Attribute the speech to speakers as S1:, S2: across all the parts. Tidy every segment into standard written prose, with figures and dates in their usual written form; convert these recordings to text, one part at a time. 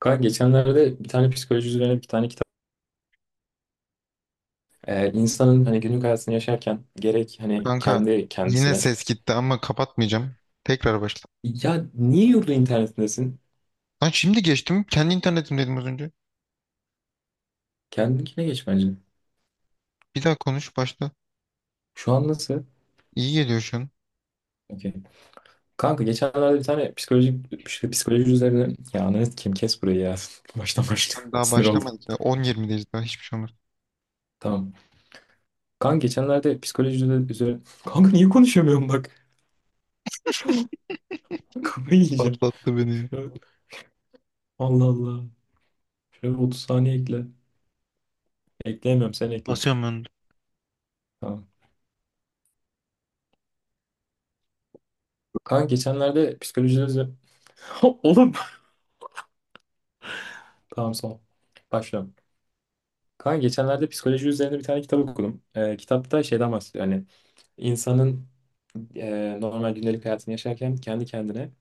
S1: Kanka geçenlerde bir tane psikoloji üzerine bir tane kitap. İnsanın hani günlük hayatını yaşarken gerek hani
S2: Kanka
S1: kendi
S2: yine
S1: kendisine.
S2: ses gitti ama kapatmayacağım. Tekrar başla.
S1: Ya niye yurdu internetindesin?
S2: Lan şimdi geçtim. Kendi internetim dedim az önce.
S1: Kendine geç bence.
S2: Bir daha konuş başla.
S1: Şu an nasıl?
S2: İyi geliyor şu an.
S1: Okey. Kanka geçenlerde bir tane psikolojik işte psikoloji üzerine. Ya ananı kim kes burayı ya. Baştan başla.
S2: Tam daha
S1: Sinir oldum.
S2: başlamadık ya. 10-20'deyiz daha hiçbir şey olmaz.
S1: Tamam. Kanka geçenlerde psikoloji üzerine. Kanka niye konuşamıyorum bak. Kafayı yiyeceğim.
S2: Patlattı beni ya.
S1: Şöyle... Allah Allah. Şöyle 30 saniye ekle. Ekleyemiyorum sen ekle.
S2: Basıyorum ben de.
S1: Tamam. Kaan geçenlerde psikoloji üzerine... Oğlum! Tamam son. Başlıyorum. Kaan geçenlerde psikoloji üzerine bir tane kitap okudum. Kitapta şeyden bahsediyor, hani İnsanın normal gündelik hayatını yaşarken kendi kendine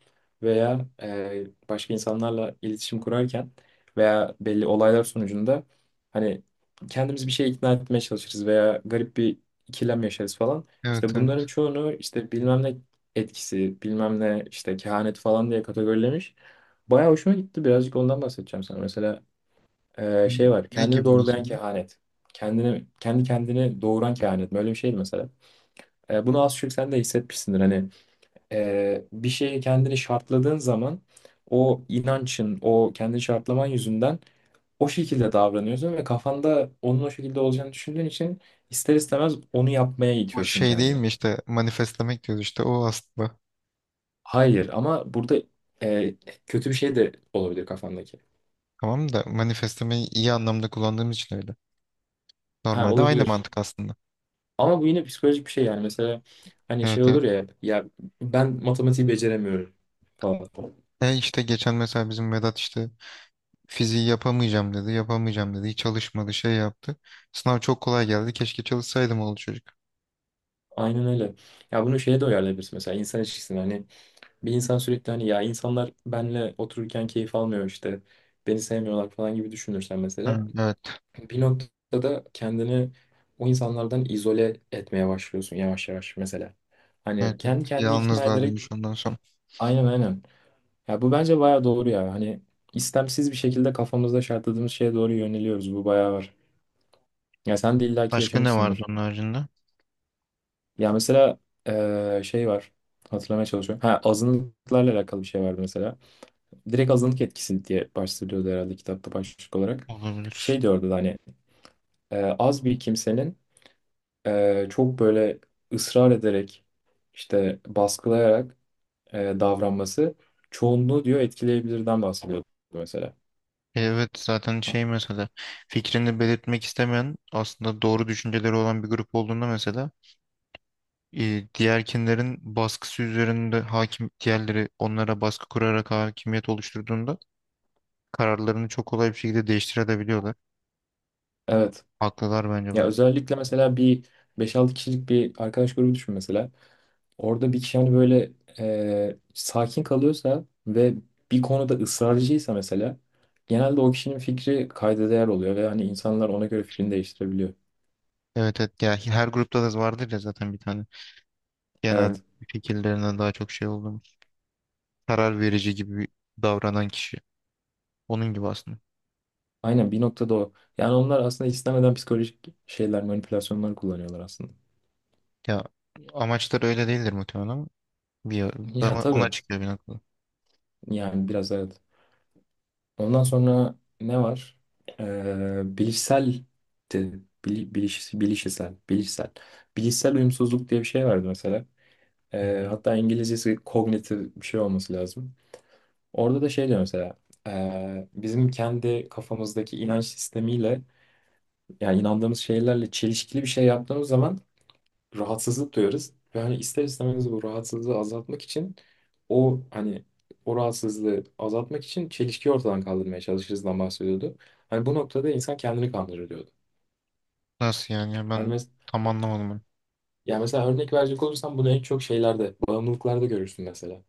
S1: veya başka insanlarla iletişim kurarken veya belli olaylar sonucunda hani kendimiz bir şeye ikna etmeye çalışırız veya garip bir ikilem yaşarız falan. İşte
S2: Evet evet.
S1: bunların çoğunu işte bilmem ne etkisi, bilmem ne işte kehanet falan diye kategorilemiş. Bayağı hoşuma gitti. Birazcık ondan bahsedeceğim sana. Mesela
S2: Ne
S1: şey var.
S2: ne
S1: Kendini
S2: gibi
S1: doğrulayan
S2: mesela?
S1: kehanet. Kendini, kendi kendini doğuran kehanet mi? Öyle bir şeydi mesela. Bunu az çok sen de hissetmişsindir. Hani bir şeye kendini şartladığın zaman o inancın, o kendini şartlaman yüzünden o şekilde davranıyorsun ve kafanda onun o şekilde olacağını düşündüğün için ister istemez onu yapmaya
S2: O
S1: itiyorsun
S2: şey değil
S1: kendini.
S2: mi işte manifestlemek diyoruz işte o aslında.
S1: Hayır ama burada e, kötü bir şey de olabilir kafandaki.
S2: Tamam da manifestlemeyi iyi anlamda kullandığımız için öyle.
S1: Ha,
S2: Normalde aynı
S1: olabilir.
S2: mantık aslında.
S1: Ama bu yine psikolojik bir şey yani. Mesela hani şey
S2: Evet evet.
S1: olur ya ben matematiği beceremiyorum falan.
S2: E işte geçen mesela bizim Vedat işte fiziği yapamayacağım dedi, yapamayacağım dedi. Hiç çalışmadı, şey yaptı. Sınav çok kolay geldi. Keşke çalışsaydım oğlu çocuk.
S1: Aynen öyle. Ya bunu şeye de uyarlayabilirsin mesela insan ilişkisine hani. Bir insan sürekli hani ya insanlar benle otururken keyif almıyor işte beni sevmiyorlar falan gibi düşünürsen mesela
S2: Hı, evet.
S1: bir noktada kendini o insanlardan izole etmeye başlıyorsun yavaş yavaş mesela. Hani
S2: Evet, evet.
S1: kendi kendini ikna
S2: Yalnızlığa
S1: ederek,
S2: dönüş ondan sonra.
S1: aynen aynen. Ya bu bence bayağı doğru ya. Hani istemsiz bir şekilde kafamızda şartladığımız şeye doğru yöneliyoruz. Bu bayağı var. Ya sen de illaki
S2: Başka ne vardı
S1: yaşamışsındır.
S2: onun haricinde?
S1: Ya mesela şey var. Hatırlamaya çalışıyorum. Ha, azınlıklarla alakalı bir şey vardı mesela. Direkt azınlık etkisi diye başlıyordu herhalde kitapta başlık olarak.
S2: Olabilir.
S1: Şey diyordu da hani az bir kimsenin çok böyle ısrar ederek işte baskılayarak davranması çoğunluğu diyor etkileyebilirden bahsediyordu mesela.
S2: Evet zaten
S1: Ha,
S2: şey mesela fikrini belirtmek istemeyen aslında doğru düşünceleri olan bir grup olduğunda mesela diğerkinlerin baskısı üzerinde hakim diğerleri onlara baskı kurarak hakimiyet oluşturduğunda kararlarını çok kolay bir şekilde değiştirebiliyorlar.
S1: evet.
S2: Haklılar bence.
S1: Ya özellikle mesela bir beş altı kişilik bir arkadaş grubu düşün mesela. Orada bir kişi hani böyle sakin kalıyorsa ve bir konuda ısrarcıysa mesela genelde o kişinin fikri kayda değer oluyor ve hani insanlar ona göre fikrini değiştirebiliyor.
S2: Evet evet ya her grupta da vardır ya zaten bir tane genel
S1: Evet.
S2: fikirlerine daha çok şey olduğumuz karar verici gibi davranan kişi. Onun gibi aslında.
S1: Aynen, bir noktada o. Yani onlar aslında istemeden psikolojik şeyler, manipülasyonlar kullanıyorlar aslında.
S2: Ya amaçları öyle değildir muhtemelen ama bir
S1: Ya
S2: ama ona
S1: tabii.
S2: çıkıyor bir noktada.
S1: Yani biraz evet. Ondan sonra ne var? Bilişsel de, bili- biliş, bilişsel, bilişsel. Bilişsel uyumsuzluk diye bir şey vardı mesela.
S2: Hı hı.
S1: Hatta İngilizcesi kognitif bir şey olması lazım. Orada da şey diyor mesela. Bizim kendi kafamızdaki inanç sistemiyle yani inandığımız şeylerle çelişkili bir şey yaptığımız zaman rahatsızlık duyarız. Ve hani ister istemez bu rahatsızlığı azaltmak için o hani o rahatsızlığı azaltmak için çelişkiyi ortadan kaldırmaya çalışırızdan bahsediyordu. Hani bu noktada insan kendini kandırır diyordu.
S2: Nasıl yani ya
S1: Hani
S2: ben
S1: mes
S2: tam anlamadım onu.
S1: yani mesela örnek verecek olursam bunu en çok şeylerde, bağımlılıklarda görürsün mesela.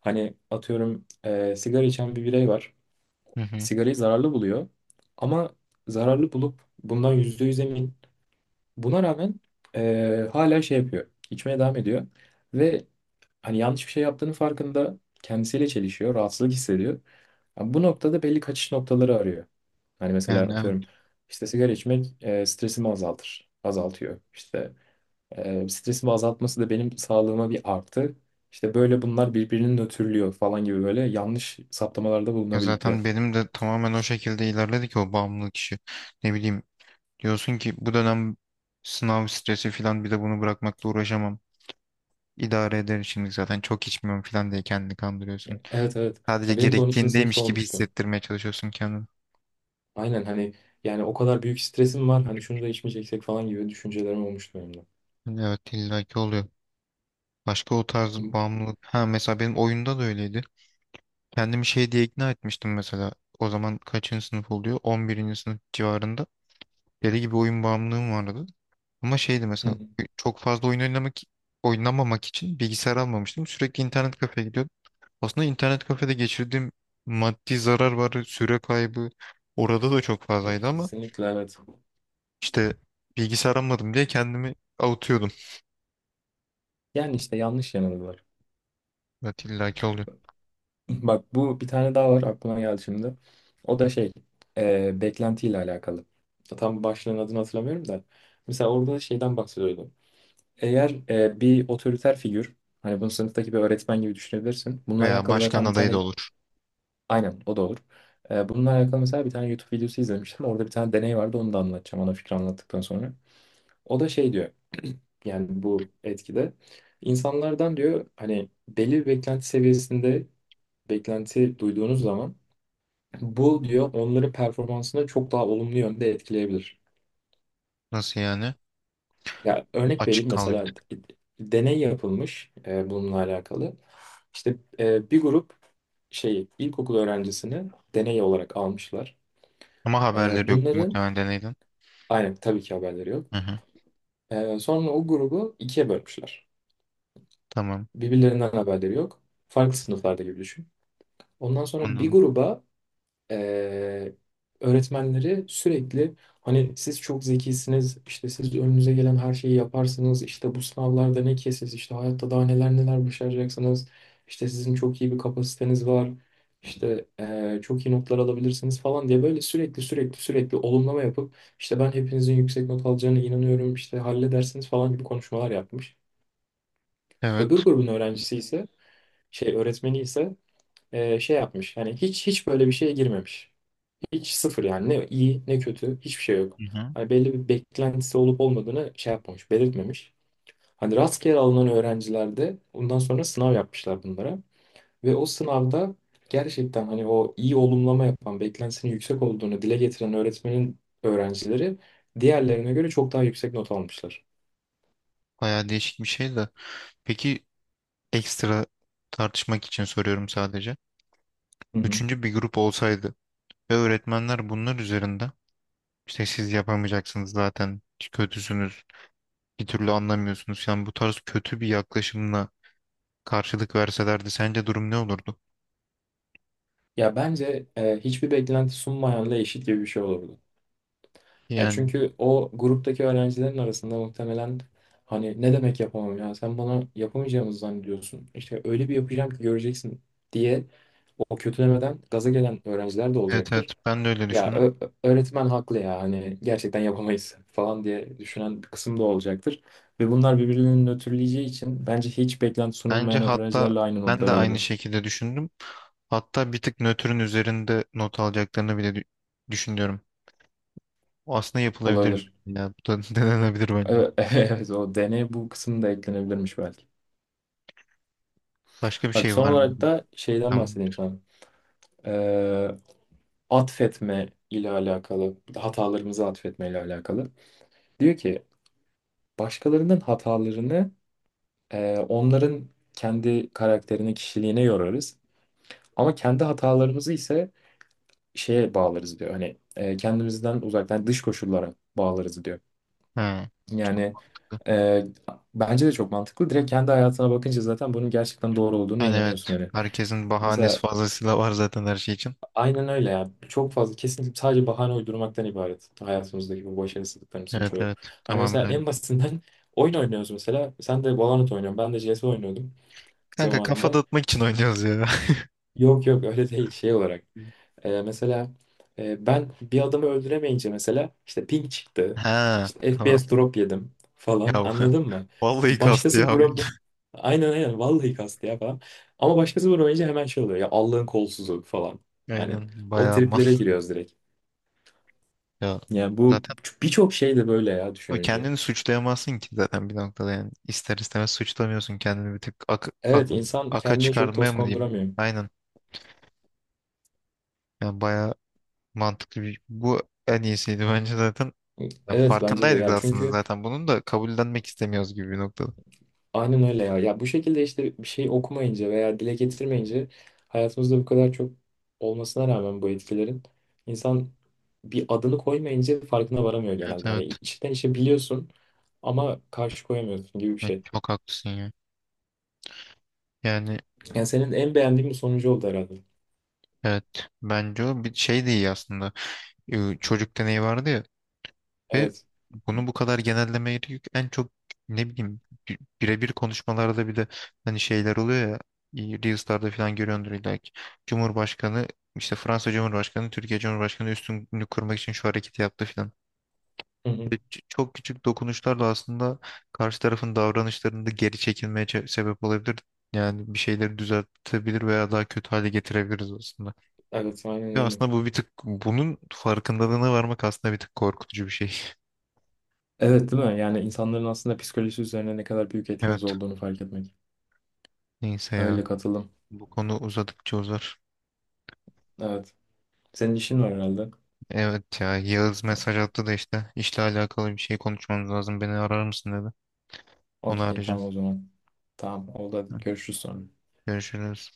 S1: Hani atıyorum sigara içen bir birey var.
S2: Hı hı.
S1: Sigarayı zararlı buluyor. Ama zararlı bulup bundan %100 emin. Buna rağmen hala şey yapıyor. İçmeye devam ediyor. Ve hani yanlış bir şey yaptığının farkında, kendisiyle çelişiyor, rahatsızlık hissediyor. Yani bu noktada belli kaçış noktaları arıyor. Hani mesela
S2: Yani evet.
S1: atıyorum işte sigara içmek stresimi azaltır, azaltıyor. İşte stresimi azaltması da benim sağlığıma bir artı. İşte böyle bunlar birbirini nötrlüyor falan gibi böyle yanlış saptamalarda
S2: Ya
S1: bulunabiliyor.
S2: zaten benim de tamamen o şekilde ilerledi ki o bağımlılık işi. Ne bileyim diyorsun ki bu dönem sınav stresi falan bir de bunu bırakmakla uğraşamam. İdare ederim şimdi zaten çok içmiyorum falan diye kendini kandırıyorsun.
S1: Evet evet.
S2: Sadece
S1: Ya benim de 12. sınıfta
S2: gerektiğindeymiş gibi
S1: olmuştu.
S2: hissettirmeye çalışıyorsun kendini.
S1: Aynen hani yani o kadar büyük stresim var hani şunu da içmeyeceksek falan gibi düşüncelerim olmuştu benim de.
S2: Evet illaki oluyor. Başka o tarz
S1: Hı
S2: bağımlılık. Ha mesela benim oyunda da öyleydi. Kendimi şey diye ikna etmiştim mesela. O zaman kaçıncı sınıf oluyor? 11. sınıf civarında. Deli gibi oyun bağımlılığım vardı. Ama şeydi mesela
S1: hı.
S2: çok fazla oyun oynamak oynamamak için bilgisayar almamıştım. Sürekli internet kafeye gidiyordum. Aslında internet kafede geçirdiğim maddi zarar var, süre kaybı orada da çok fazlaydı ama
S1: Kesinlikle evet.
S2: işte bilgisayar almadım diye kendimi avutuyordum.
S1: Yani işte yanlış yanılgılar.
S2: Evet illaki oluyor.
S1: Bak, bu bir tane daha var aklıma geldi şimdi. O da şey, beklentiyle alakalı. Tam başlığın adını hatırlamıyorum da. Mesela orada da şeyden bahsediyordu. Eğer bir otoriter figür, hani bunu sınıftaki bir öğretmen gibi düşünebilirsin. Bununla
S2: Veya
S1: alakalı
S2: başkan
S1: zaten bir
S2: adayı da
S1: tane,
S2: olur.
S1: aynen o da olur. Bununla alakalı mesela bir tane YouTube videosu izlemiştim. Orada bir tane deney vardı, onu da anlatacağım ana fikri anlattıktan sonra. O da şey diyor, yani bu etkide. İnsanlardan diyor hani belli bir beklenti seviyesinde beklenti duyduğunuz zaman bu diyor onların performansını çok daha olumlu yönde etkileyebilir.
S2: Nasıl yani?
S1: Ya örnek
S2: Açık
S1: vereyim
S2: kaldı bir
S1: mesela,
S2: tık.
S1: deney yapılmış bununla alakalı. İşte bir grup şey ilkokul öğrencisini deney olarak almışlar.
S2: Ama haberleri yok
S1: Bunların,
S2: muhtemelen deneyden.
S1: aynen, tabii ki haberleri yok.
S2: Hı hı.
S1: Sonra o grubu ikiye bölmüşler.
S2: Tamam.
S1: Birbirlerinden haberleri yok. Farklı sınıflarda gibi düşün. Ondan sonra bir
S2: Anladım.
S1: gruba, Ee, öğretmenleri sürekli hani siz çok zekisiniz, işte siz önünüze gelen her şeyi yaparsınız, işte bu sınavlarda ne ki siz, işte hayatta daha neler neler başaracaksınız, işte sizin çok iyi bir kapasiteniz var, işte çok iyi notlar alabilirsiniz falan diye böyle sürekli sürekli sürekli olumlama yapıp işte ben hepinizin yüksek not alacağına inanıyorum, işte halledersiniz falan gibi konuşmalar yapmış. Öbür
S2: Evet.
S1: grubun öğrencisi ise şey öğretmeni ise şey yapmış. Yani hiç hiç böyle bir şeye girmemiş. Hiç, sıfır yani. Ne iyi ne kötü, hiçbir şey yok.
S2: Hı hı.
S1: Hani belli bir beklentisi olup olmadığını şey yapmamış, belirtmemiş. Hani rastgele alınan öğrencilerde ondan sonra sınav yapmışlar bunlara. Ve o sınavda gerçekten hani o iyi olumlama yapan, beklentisinin yüksek olduğunu dile getiren öğretmenin öğrencileri diğerlerine göre çok daha yüksek not almışlar.
S2: Bayağı değişik bir şey de. Peki ekstra tartışmak için soruyorum sadece.
S1: Hı hı.
S2: Üçüncü bir grup olsaydı ve öğretmenler bunlar üzerinde işte siz yapamayacaksınız zaten, kötüsünüz, bir türlü anlamıyorsunuz. Yani bu tarz kötü bir yaklaşımla karşılık verselerdi sence durum ne olurdu?
S1: Ya bence hiçbir beklenti sunmayanla eşit gibi bir şey olurdu. Ya
S2: Yani
S1: çünkü o gruptaki öğrencilerin arasında muhtemelen hani ne demek yapamam, ya sen bana yapamayacağımızı zannediyorsun. İşte öyle bir yapacağım ki göreceksin diye o kötülemeden gaza gelen öğrenciler de
S2: evet,
S1: olacaktır.
S2: evet, ben de öyle
S1: Ya
S2: düşündüm.
S1: öğretmen haklı ya, hani gerçekten yapamayız falan diye düşünen bir kısım da olacaktır. Ve bunlar birbirlerini nötrleyeceği için bence hiç beklenti
S2: Bence
S1: sunulmayan
S2: hatta
S1: öğrencilerle aynı
S2: ben de
S1: notları
S2: aynı
S1: alırlar.
S2: şekilde düşündüm. Hatta bir tık nötrün üzerinde not alacaklarını bile düşünüyorum. O aslında yapılabilir.
S1: Olabilir.
S2: Ya bu da denenebilir bence.
S1: Evet, evet, o deney bu kısım da eklenebilirmiş belki.
S2: Başka bir
S1: Bak
S2: şey
S1: son
S2: var mı?
S1: olarak da şeyden
S2: Tamam.
S1: bahsedeyim sana. e, Atfetme ile alakalı, hatalarımızı atfetme ile alakalı. Diyor ki başkalarının hatalarını onların kendi karakterine, kişiliğine yorarız. Ama kendi hatalarımızı ise şeye bağlarız diyor. Hani kendimizden uzaktan dış koşullara bağlarız diyor.
S2: He, çok
S1: Yani
S2: mantıklı.
S1: e, bence de çok mantıklı. Direkt kendi hayatına bakınca zaten bunun gerçekten doğru olduğunu
S2: Yani evet.
S1: inanıyorsun hani.
S2: Herkesin bahanesi
S1: Mesela,
S2: fazlasıyla var zaten her şey için.
S1: aynen öyle ya. Çok fazla, kesinlikle sadece bahane uydurmaktan ibaret. Hayatımızdaki bu başarısızlıklarımızın
S2: Evet
S1: çoğu.
S2: evet.
S1: Hani
S2: Tamamen
S1: mesela
S2: öyle.
S1: en basitinden, oyun oynuyoruz mesela. Sen de Valorant oynuyorsun. Ben de CS oynuyordum
S2: Kanka kafa
S1: zamanında.
S2: dağıtmak için oynuyoruz ya.
S1: Yok yok, öyle değil şey olarak. Mesela ben bir adamı öldüremeyince mesela işte ping çıktı.
S2: Ha
S1: İşte F P
S2: tamam.
S1: S drop yedim
S2: Ya
S1: falan, anladın mı?
S2: vallahi kastı
S1: Başkası
S2: ya oyun.
S1: vuram Aynen aynen, vallahi kastı ya falan. Ama başkası vuramayınca hemen şey oluyor ya, Allah'ın kolsuzu falan. Hani
S2: Aynen.
S1: o
S2: Bayağı mal.
S1: triplere giriyoruz direkt.
S2: Ya
S1: Yani bu
S2: zaten
S1: birçok şey de böyle ya,
S2: o
S1: düşününce.
S2: kendini suçlayamazsın ki zaten bir noktada yani. İster istemez suçlamıyorsun kendini bir tık
S1: Evet, insan
S2: aka
S1: kendine çok
S2: çıkarmaya
S1: toz
S2: mı diyeyim?
S1: konduramıyor.
S2: Aynen. Yani bayağı mantıklı bir... Bu en iyisiydi bence zaten. Yani
S1: Evet bence de
S2: farkındaydık
S1: ya,
S2: aslında
S1: çünkü
S2: zaten. Bunun da kabullenmek istemiyoruz gibi bir noktada.
S1: aynen öyle ya. Ya bu şekilde işte bir şey okumayınca veya dile getirmeyince hayatımızda bu kadar çok olmasına rağmen bu etkilerin, insan bir adını koymayınca farkına varamıyor
S2: Evet
S1: genelde. Hani
S2: evet.
S1: içten içe biliyorsun ama karşı koyamıyorsun gibi bir
S2: Evet,
S1: şey.
S2: çok haklısın ya. Yani
S1: Yani senin en beğendiğin bir sonucu oldu herhalde.
S2: evet. Bence o bir şey de iyi aslında. Çocuk deneyi vardı ya. Ve
S1: Evet.
S2: bunu bu kadar genellemeye yük en çok ne bileyim birebir konuşmalarda bile hani şeyler oluyor ya Reels'larda falan görüyordur illa ki. Cumhurbaşkanı işte Fransa Cumhurbaşkanı Türkiye Cumhurbaşkanı üstünlüğünü kurmak için şu hareketi yaptı falan.
S1: Hı hı.
S2: Ve çok küçük dokunuşlarla aslında karşı tarafın davranışlarında geri çekilmeye sebep olabilir. Yani bir şeyleri düzeltebilir veya daha kötü hale getirebiliriz aslında.
S1: Evet, aynen
S2: Ve
S1: öyle.
S2: aslında bu bir tık bunun farkındalığına varmak aslında bir tık korkutucu bir şey.
S1: Evet, değil mi? Yani insanların aslında psikolojisi üzerine ne kadar büyük etkimiz
S2: Evet.
S1: olduğunu fark etmek.
S2: Neyse ya.
S1: Öyle katılım.
S2: Bu konu uzadıkça uzar.
S1: Evet. Senin işin var herhalde.
S2: Evet ya Yağız mesaj attı da işte işle alakalı bir şey konuşmamız lazım. Beni arar mısın dedi. Onu
S1: Okey,
S2: arayacağım.
S1: tamam o zaman. Tamam oldu, hadi
S2: Hı.
S1: görüşürüz sonra.
S2: Görüşürüz.